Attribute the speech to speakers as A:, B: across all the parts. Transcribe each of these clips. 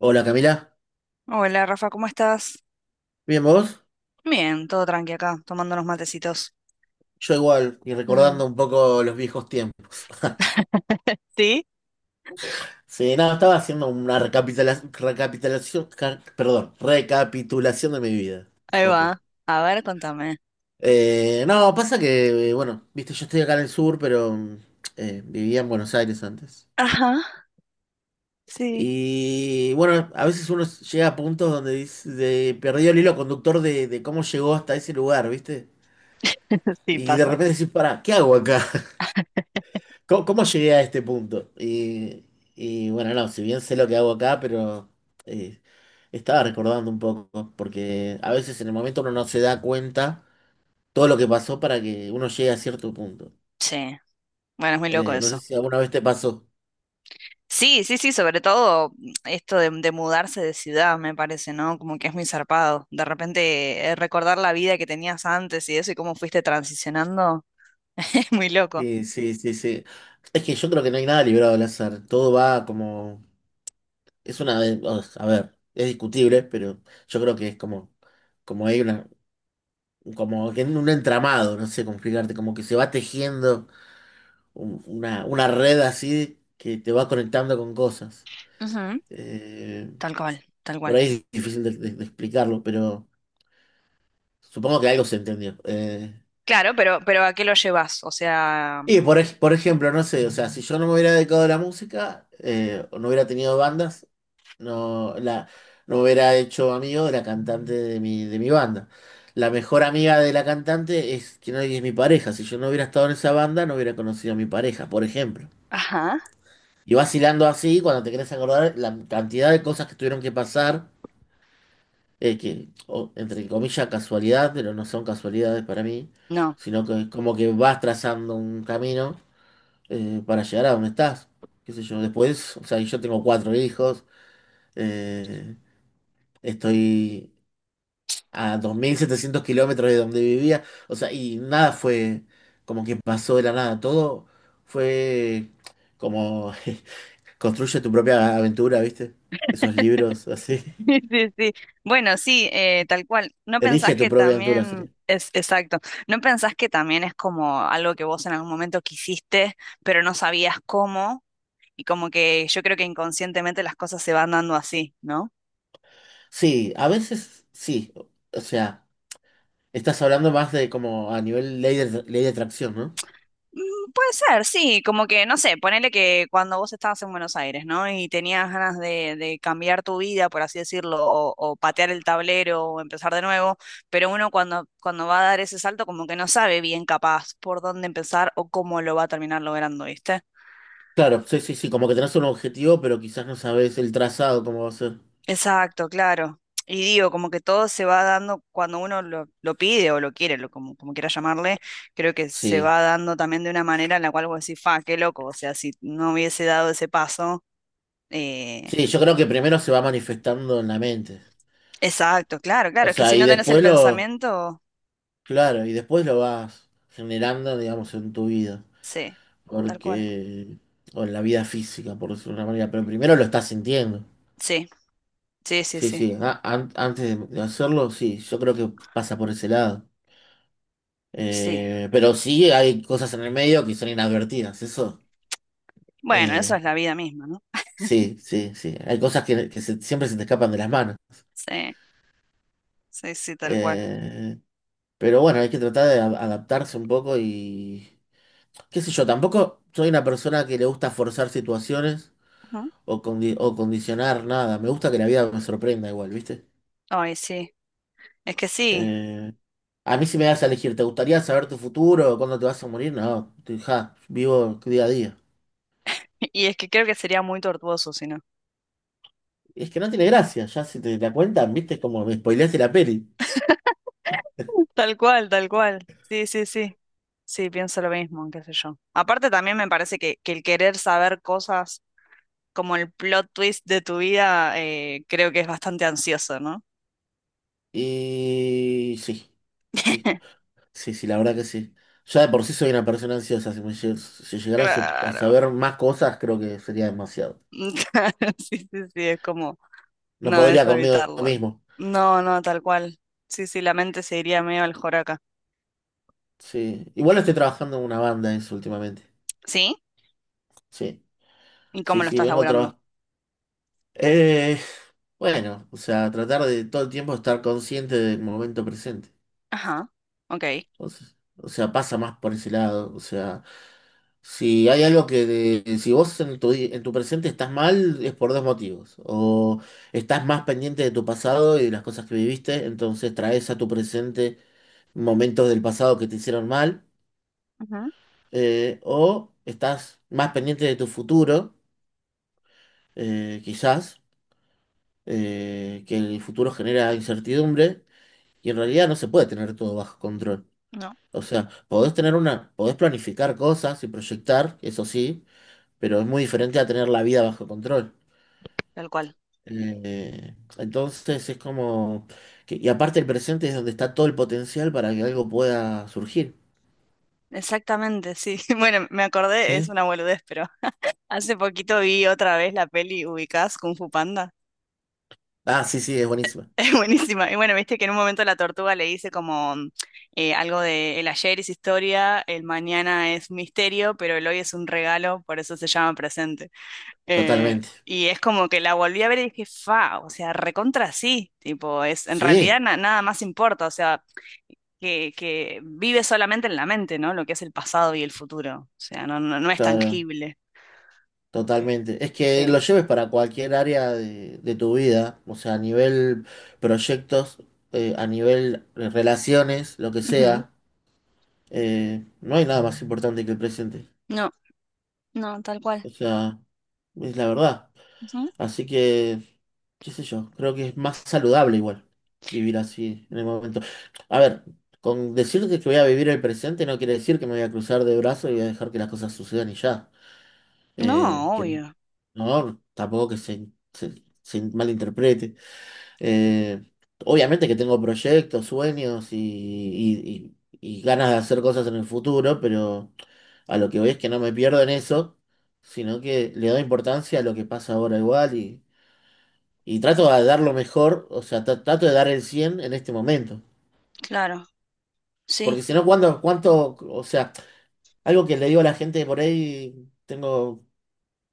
A: Hola Camila,
B: Hola Rafa, ¿cómo estás?
A: ¿bien vos?
B: Bien, todo tranqui acá, tomando unos matecitos.
A: Yo igual, y
B: Mm.
A: recordando un poco los viejos tiempos.
B: Sí,
A: Sí, nada, estaba haciendo una recapitulación, perdón, recapitulación de mi vida, un
B: ahí
A: poco.
B: va. A ver, contame.
A: No, pasa que, bueno, viste, yo estoy acá en el sur, pero vivía en Buenos Aires antes.
B: Ajá, sí,
A: Y bueno, a veces uno llega a puntos donde dice, perdió el hilo conductor de cómo llegó hasta ese lugar, ¿viste?
B: sí
A: Y de
B: pasa.
A: repente decís, pará, ¿qué hago acá? ¿Cómo, cómo llegué a este punto? Y bueno, no, si bien sé lo que hago acá, pero eh, estaba recordando un poco, porque a veces en el momento uno no se da cuenta todo lo que pasó para que uno llegue a cierto punto.
B: Sí, bueno, es muy loco
A: No sé
B: eso.
A: si alguna vez te pasó.
B: Sí, sí, sí, sobre todo esto de mudarse de ciudad, me parece, ¿no? Como que es muy zarpado. De repente recordar la vida que tenías antes y eso y cómo fuiste transicionando, es muy loco.
A: Sí, sí, sí, sí. Es que yo creo que no hay nada librado al azar. Todo va como... Es una... A ver, es discutible, pero yo creo que es como... Como hay una... Como que en un entramado, no sé cómo explicarte, como que se va tejiendo. Una red así que te va conectando con cosas.
B: Ujú.
A: Eh,
B: Tal cual, tal
A: por
B: cual.
A: ahí es difícil de de explicarlo, pero supongo que algo se entendió.
B: Claro, pero ¿a qué lo llevas? O sea,
A: Y por, por ejemplo, no sé, o sea, si yo no me hubiera dedicado a la música, o no hubiera tenido bandas, no, la, no me hubiera hecho amigo de la cantante de mi banda. La mejor amiga de la cantante es que no es mi pareja. Si yo no hubiera estado en esa banda, no hubiera conocido a mi pareja, por ejemplo.
B: ajá,
A: Y vas hilando así, cuando te querés acordar, la cantidad de cosas que tuvieron que pasar, que, entre comillas, casualidad, pero no son casualidades para mí,
B: no.
A: sino que es como que vas trazando un camino para llegar a donde estás. ¿Qué sé yo? Después, o sea, yo tengo cuatro hijos, eh, estoy a 2700 kilómetros de donde vivía, o sea, y nada fue como que pasó de la nada, todo fue como Construye tu propia aventura, ¿viste? Esos libros así.
B: Sí, sí, sí. Bueno, sí, tal cual. ¿No pensás
A: Elige tu
B: que
A: propia aventura,
B: también
A: sería.
B: es exacto? ¿No pensás que también es como algo que vos en algún momento quisiste, pero no sabías cómo? Y como que yo creo que inconscientemente las cosas se van dando así, ¿no?
A: Sí, a veces sí. O sea, estás hablando más de como a nivel ley de atracción, ¿no?
B: Mm. Puede ser, sí, como que, no sé, ponele que cuando vos estabas en Buenos Aires, ¿no? Y tenías ganas de cambiar tu vida, por así decirlo, o patear el tablero o empezar de nuevo, pero uno cuando, cuando va a dar ese salto como que no sabe bien capaz por dónde empezar o cómo lo va a terminar logrando, ¿viste?
A: Claro, sí, sí, sí. Como que tenés un objetivo, pero quizás no sabes el trazado, cómo va a ser.
B: Exacto, claro. Y digo, como que todo se va dando cuando uno lo pide o lo quiere, lo, como, como quiera llamarle, creo que se
A: Sí.
B: va dando también de una manera en la cual vos decís, fa, qué loco, o sea, si no hubiese dado ese paso. Eh,
A: Sí, yo creo que primero se va manifestando en la mente.
B: exacto, claro, claro.
A: O
B: Es que
A: sea,
B: si
A: y
B: no tenés el
A: después lo.
B: pensamiento,
A: Claro, y después lo vas generando, digamos, en tu vida.
B: sí, tal cual.
A: Porque. O en la vida física, por decirlo de una manera. Pero primero lo estás sintiendo.
B: Sí, sí, sí,
A: Sí,
B: sí,
A: sí, antes de hacerlo, sí, yo creo que pasa por ese lado.
B: sí.
A: Pero sí hay cosas en el medio que son inadvertidas, eso.
B: Bueno, eso es
A: eh,
B: la vida misma, ¿no?
A: sí, sí, sí. Hay cosas que, que siempre se te escapan de las manos.
B: Sí, sí, sí, tal cual.
A: Eh, pero bueno, hay que tratar de adaptarse un poco y... qué sé yo, tampoco soy una persona que le gusta forzar situaciones
B: Ujú.
A: o, condicionar nada. Me gusta que la vida me sorprenda igual, ¿viste?
B: Ay, sí. Es que sí.
A: Eh, a mí si me das a elegir, ¿te gustaría saber tu futuro? ¿Cuándo te vas a morir? No, ja, vivo día a día.
B: Y es que creo que sería muy tortuoso si no.
A: Es que no tiene gracia, ya si te la cuentan, viste, es como me spoileaste la peli.
B: Tal cual, tal cual. Sí, sí, sí. Sí, pienso lo mismo, qué sé yo. Aparte también me parece que el querer saber cosas como el plot twist de tu vida, creo que es bastante ansioso, ¿no?
A: Y sí, sí, sí, sí, la verdad que sí. Ya de por sí soy una persona ansiosa, si si llegara a, a
B: Claro.
A: saber más cosas, creo que sería demasiado.
B: Sí, sí, sí, es como,
A: No
B: no, es
A: podría conmigo
B: evitarlo.
A: mismo.
B: No, no, tal cual. Sí, sí, la mente se iría medio al joraca.
A: Sí, igual estoy trabajando en una banda eso últimamente.
B: ¿Sí?
A: Sí,
B: ¿Y cómo
A: sí,
B: lo
A: sí,
B: estás
A: vengo a
B: laburando?
A: trabajar. Bueno, o sea, tratar de todo el tiempo estar consciente del momento presente.
B: Ajá, ok.
A: Entonces, o sea, pasa más por ese lado. O sea, si hay algo que, si vos en tu presente estás mal, es por dos motivos. O estás más pendiente de tu pasado y de las cosas que viviste, entonces traes a tu presente momentos del pasado que te hicieron mal.
B: Ujú.
A: O estás más pendiente de tu futuro, quizás, que el futuro genera incertidumbre y en realidad no se puede tener todo bajo control.
B: No,
A: O sea, podés tener una, podés planificar cosas y proyectar, eso sí, pero es muy diferente a tener la vida bajo control.
B: tal cual.
A: Entonces es como y aparte el presente es donde está todo el potencial para que algo pueda surgir,
B: Exactamente, sí. Bueno, me acordé, es
A: ¿sí?
B: una boludez, pero hace poquito vi otra vez la peli ubicás Kung Fu Panda.
A: Ah, sí, sí, es buenísima.
B: Es buenísima. Y bueno, viste que en un momento la tortuga le dice como algo de el ayer es historia, el mañana es misterio, pero el hoy es un regalo, por eso se llama presente. Eh,
A: Totalmente.
B: y es como que la volví a ver y dije, fa, o sea, recontra sí, tipo, es, en
A: Sí,
B: realidad nada más importa, o sea, que vive solamente en la mente, ¿no? Lo que es el pasado y el futuro, o sea, no, no, no es
A: claro,
B: tangible. Eh,
A: totalmente. Es que lo
B: Sí.
A: lleves para cualquier área de tu vida, o sea, a nivel proyectos, a nivel relaciones, lo que
B: Ujú.
A: sea. No hay nada más importante que el presente.
B: No, no, tal cual.
A: O sea, es la verdad.
B: Ujú.
A: Así que, qué sé yo, creo que es más saludable igual vivir así en el momento. A ver, con decirte que voy a vivir el presente no quiere decir que me voy a cruzar de brazos y voy a dejar que las cosas sucedan y ya.
B: No,
A: Que
B: obvio,
A: no, tampoco que se malinterprete. Eh, Obviamente que tengo proyectos, sueños y, y ganas de hacer cosas en el futuro, pero a lo que voy es que no me pierdo en eso, sino que le doy importancia a lo que pasa ahora igual y trato de dar lo mejor, o sea, trato de dar el 100 en este momento.
B: claro, sí,
A: Porque si no, ¿cuándo, cuánto, o sea, algo que le digo a la gente por ahí, tengo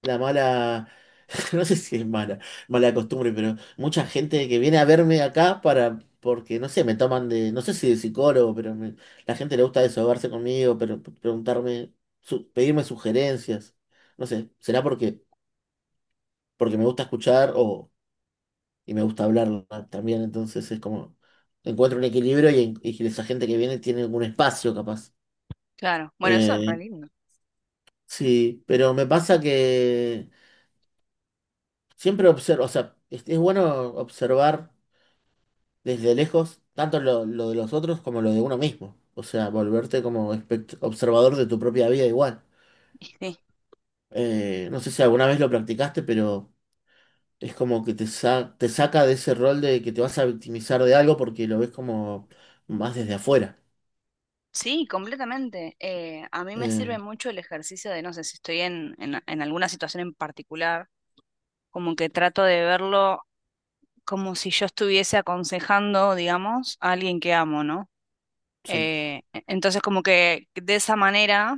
A: la mala, no sé si es mala, mala costumbre, pero mucha gente que viene a verme acá para, porque no sé, me toman de, no sé si de psicólogo, pero la gente le gusta desahogarse conmigo, pero preguntarme, pedirme sugerencias, no sé, será porque, porque me gusta escuchar o, y me gusta hablar también, entonces es como, encuentro un equilibrio y, y esa gente que viene tiene algún espacio capaz.
B: claro. Bueno, eso es re
A: Eh,
B: lindo.
A: sí, pero me pasa que siempre observo, o sea, es bueno observar. Desde lejos tanto lo de los otros como lo de uno mismo. O sea, volverte como observador de tu propia vida igual.
B: Sí,
A: No sé si alguna vez lo practicaste, pero es como que te, te saca de ese rol de que te vas a victimizar de algo porque lo ves como más desde afuera.
B: sí, completamente. A mí me
A: Eh,
B: sirve mucho el ejercicio de, no sé, si estoy en alguna situación en particular, como que trato de verlo, como si yo estuviese aconsejando, digamos, a alguien que amo, ¿no?
A: sí,
B: Entonces, como que de esa manera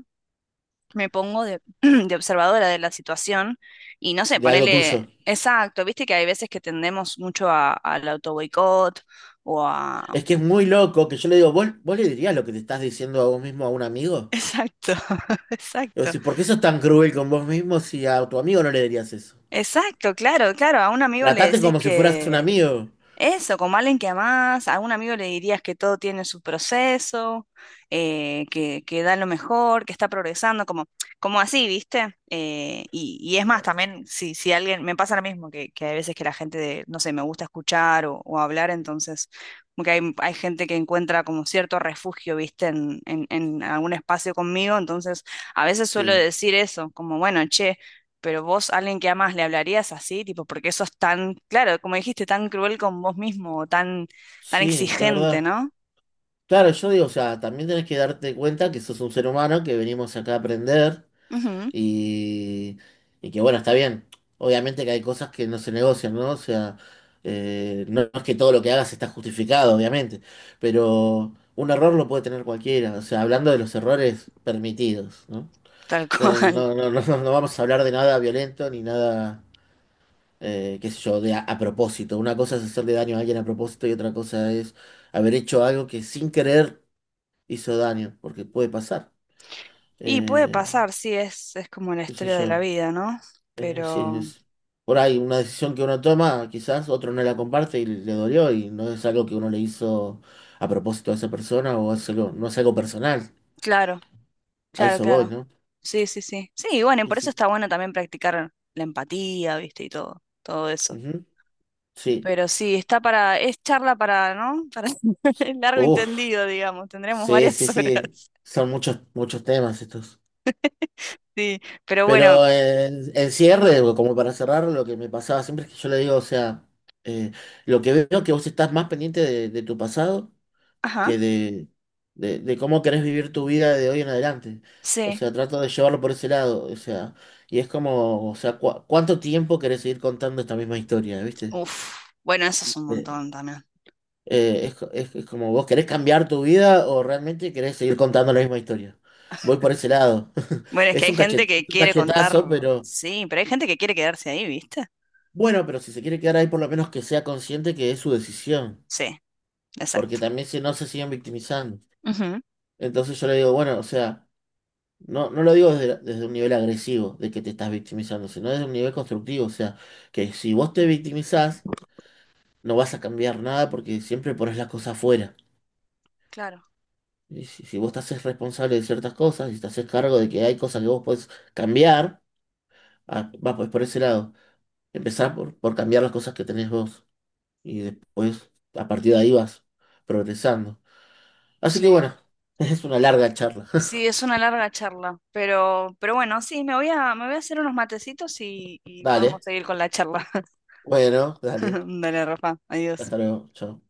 B: me pongo de, de observadora de la situación y no sé,
A: de algo
B: ponerle
A: tuyo.
B: exacto, viste que hay veces que tendemos mucho al auto boicot o a...
A: Es que es muy loco que yo le digo, ¿vos, vos le dirías lo que te estás diciendo a vos mismo a un amigo?
B: Exacto,
A: Y vos
B: exacto,
A: decís, ¿por qué sos tan cruel con vos mismo si a tu amigo no le dirías eso?
B: exacto, claro, claro, a un amigo le
A: Tratate
B: decís
A: como si fueras un
B: que
A: amigo.
B: eso, como alguien que amás, a algún amigo le dirías que todo tiene su proceso, que da lo mejor, que está progresando, como, como así, ¿viste? Y, y es más, también, si, si alguien, me pasa lo mismo, que hay veces que la gente, no sé, me gusta escuchar o hablar, entonces, como que hay gente que encuentra como cierto refugio, ¿viste? En algún espacio conmigo, entonces, a veces suelo
A: Sí.
B: decir eso, como, bueno, che, pero vos, alguien que amas, le hablarías así, tipo, porque eso es tan, claro, como dijiste, tan cruel con vos mismo, tan, tan
A: Sí, de
B: exigente,
A: verdad.
B: ¿no?
A: Claro, yo digo, o sea, también tenés que darte cuenta que sos un ser humano, que venimos acá a aprender
B: Ujú,
A: y, y que bueno, está bien. Obviamente que hay cosas que no se negocian, ¿no? O sea, no es que todo lo que hagas está justificado, obviamente, pero un error lo puede tener cualquiera. O sea, hablando de los errores permitidos, ¿no?
B: tal
A: No,
B: cual.
A: no, no, no, no vamos a hablar de nada violento ni nada qué sé yo, de a propósito. Una cosa es hacerle daño a alguien a propósito y otra cosa es haber hecho algo que sin querer hizo daño, porque puede pasar.
B: Y puede
A: Eh,
B: pasar, sí, es como la
A: Qué sé
B: historia de la
A: yo,
B: vida, ¿no?
A: sí,
B: Pero,
A: es por ahí una decisión que uno toma, quizás otro no la comparte y le dolió y no es algo que uno le hizo a propósito a esa persona o es no es algo personal.
B: claro,
A: A
B: claro,
A: eso voy,
B: claro.
A: ¿no?
B: Sí, sí, sí. Sí, y bueno, y
A: Sí,
B: por eso
A: sí.
B: está bueno también practicar la empatía, ¿viste? Y todo, todo eso.
A: Ujú. Sí.
B: Pero sí, está para, es charla para, ¿no? Para el largo
A: Uf.
B: entendido, digamos. Tendremos
A: Sí,
B: varias
A: sí, sí.
B: horas.
A: Son muchos, muchos temas estos.
B: Sí, pero bueno,
A: Pero en cierre, o como para cerrar, lo que me pasaba siempre es que yo le digo, o sea, eh, lo que veo que vos estás más pendiente de tu pasado
B: ajá.
A: que de, de cómo querés vivir tu vida de hoy en adelante. O
B: Sí.
A: sea, trato de llevarlo por ese lado. O sea, y es como, o sea, ¿cuánto tiempo querés seguir contando esta misma historia, ¿viste?
B: Uf, bueno, eso es un
A: Eh,
B: montón también.
A: es, es como, ¿vos querés cambiar tu vida o realmente querés seguir contando la misma historia? Voy por ese lado.
B: Bueno, es que
A: Es
B: hay
A: un
B: gente que
A: es un
B: quiere contar,
A: cachetazo, pero...
B: sí, pero hay gente que quiere quedarse ahí, ¿viste?
A: Bueno, pero si se quiere quedar ahí, por lo menos que sea consciente que es su decisión,
B: Sí,
A: porque
B: exacto.
A: también si no se siguen victimizando.
B: Ujú,
A: Entonces yo le digo, bueno, o sea, no, no lo digo desde, desde un nivel agresivo de que te estás victimizando, sino desde un nivel constructivo, o sea, que si vos te victimizás, no vas a cambiar nada porque siempre pones las cosas afuera.
B: claro,
A: Y si, si vos te haces responsable de ciertas cosas, y te haces cargo de que hay cosas que vos podés cambiar, ah, va pues por ese lado. Empezar por cambiar las cosas que tenés vos y después a partir de ahí vas progresando. Así que
B: sí.
A: bueno, es una larga charla.
B: Sí, es una larga charla, pero bueno, sí, me voy a hacer unos matecitos y podemos
A: Dale,
B: seguir con la charla.
A: bueno, dale.
B: Dale, Rafa, adiós.
A: Hasta luego, chao.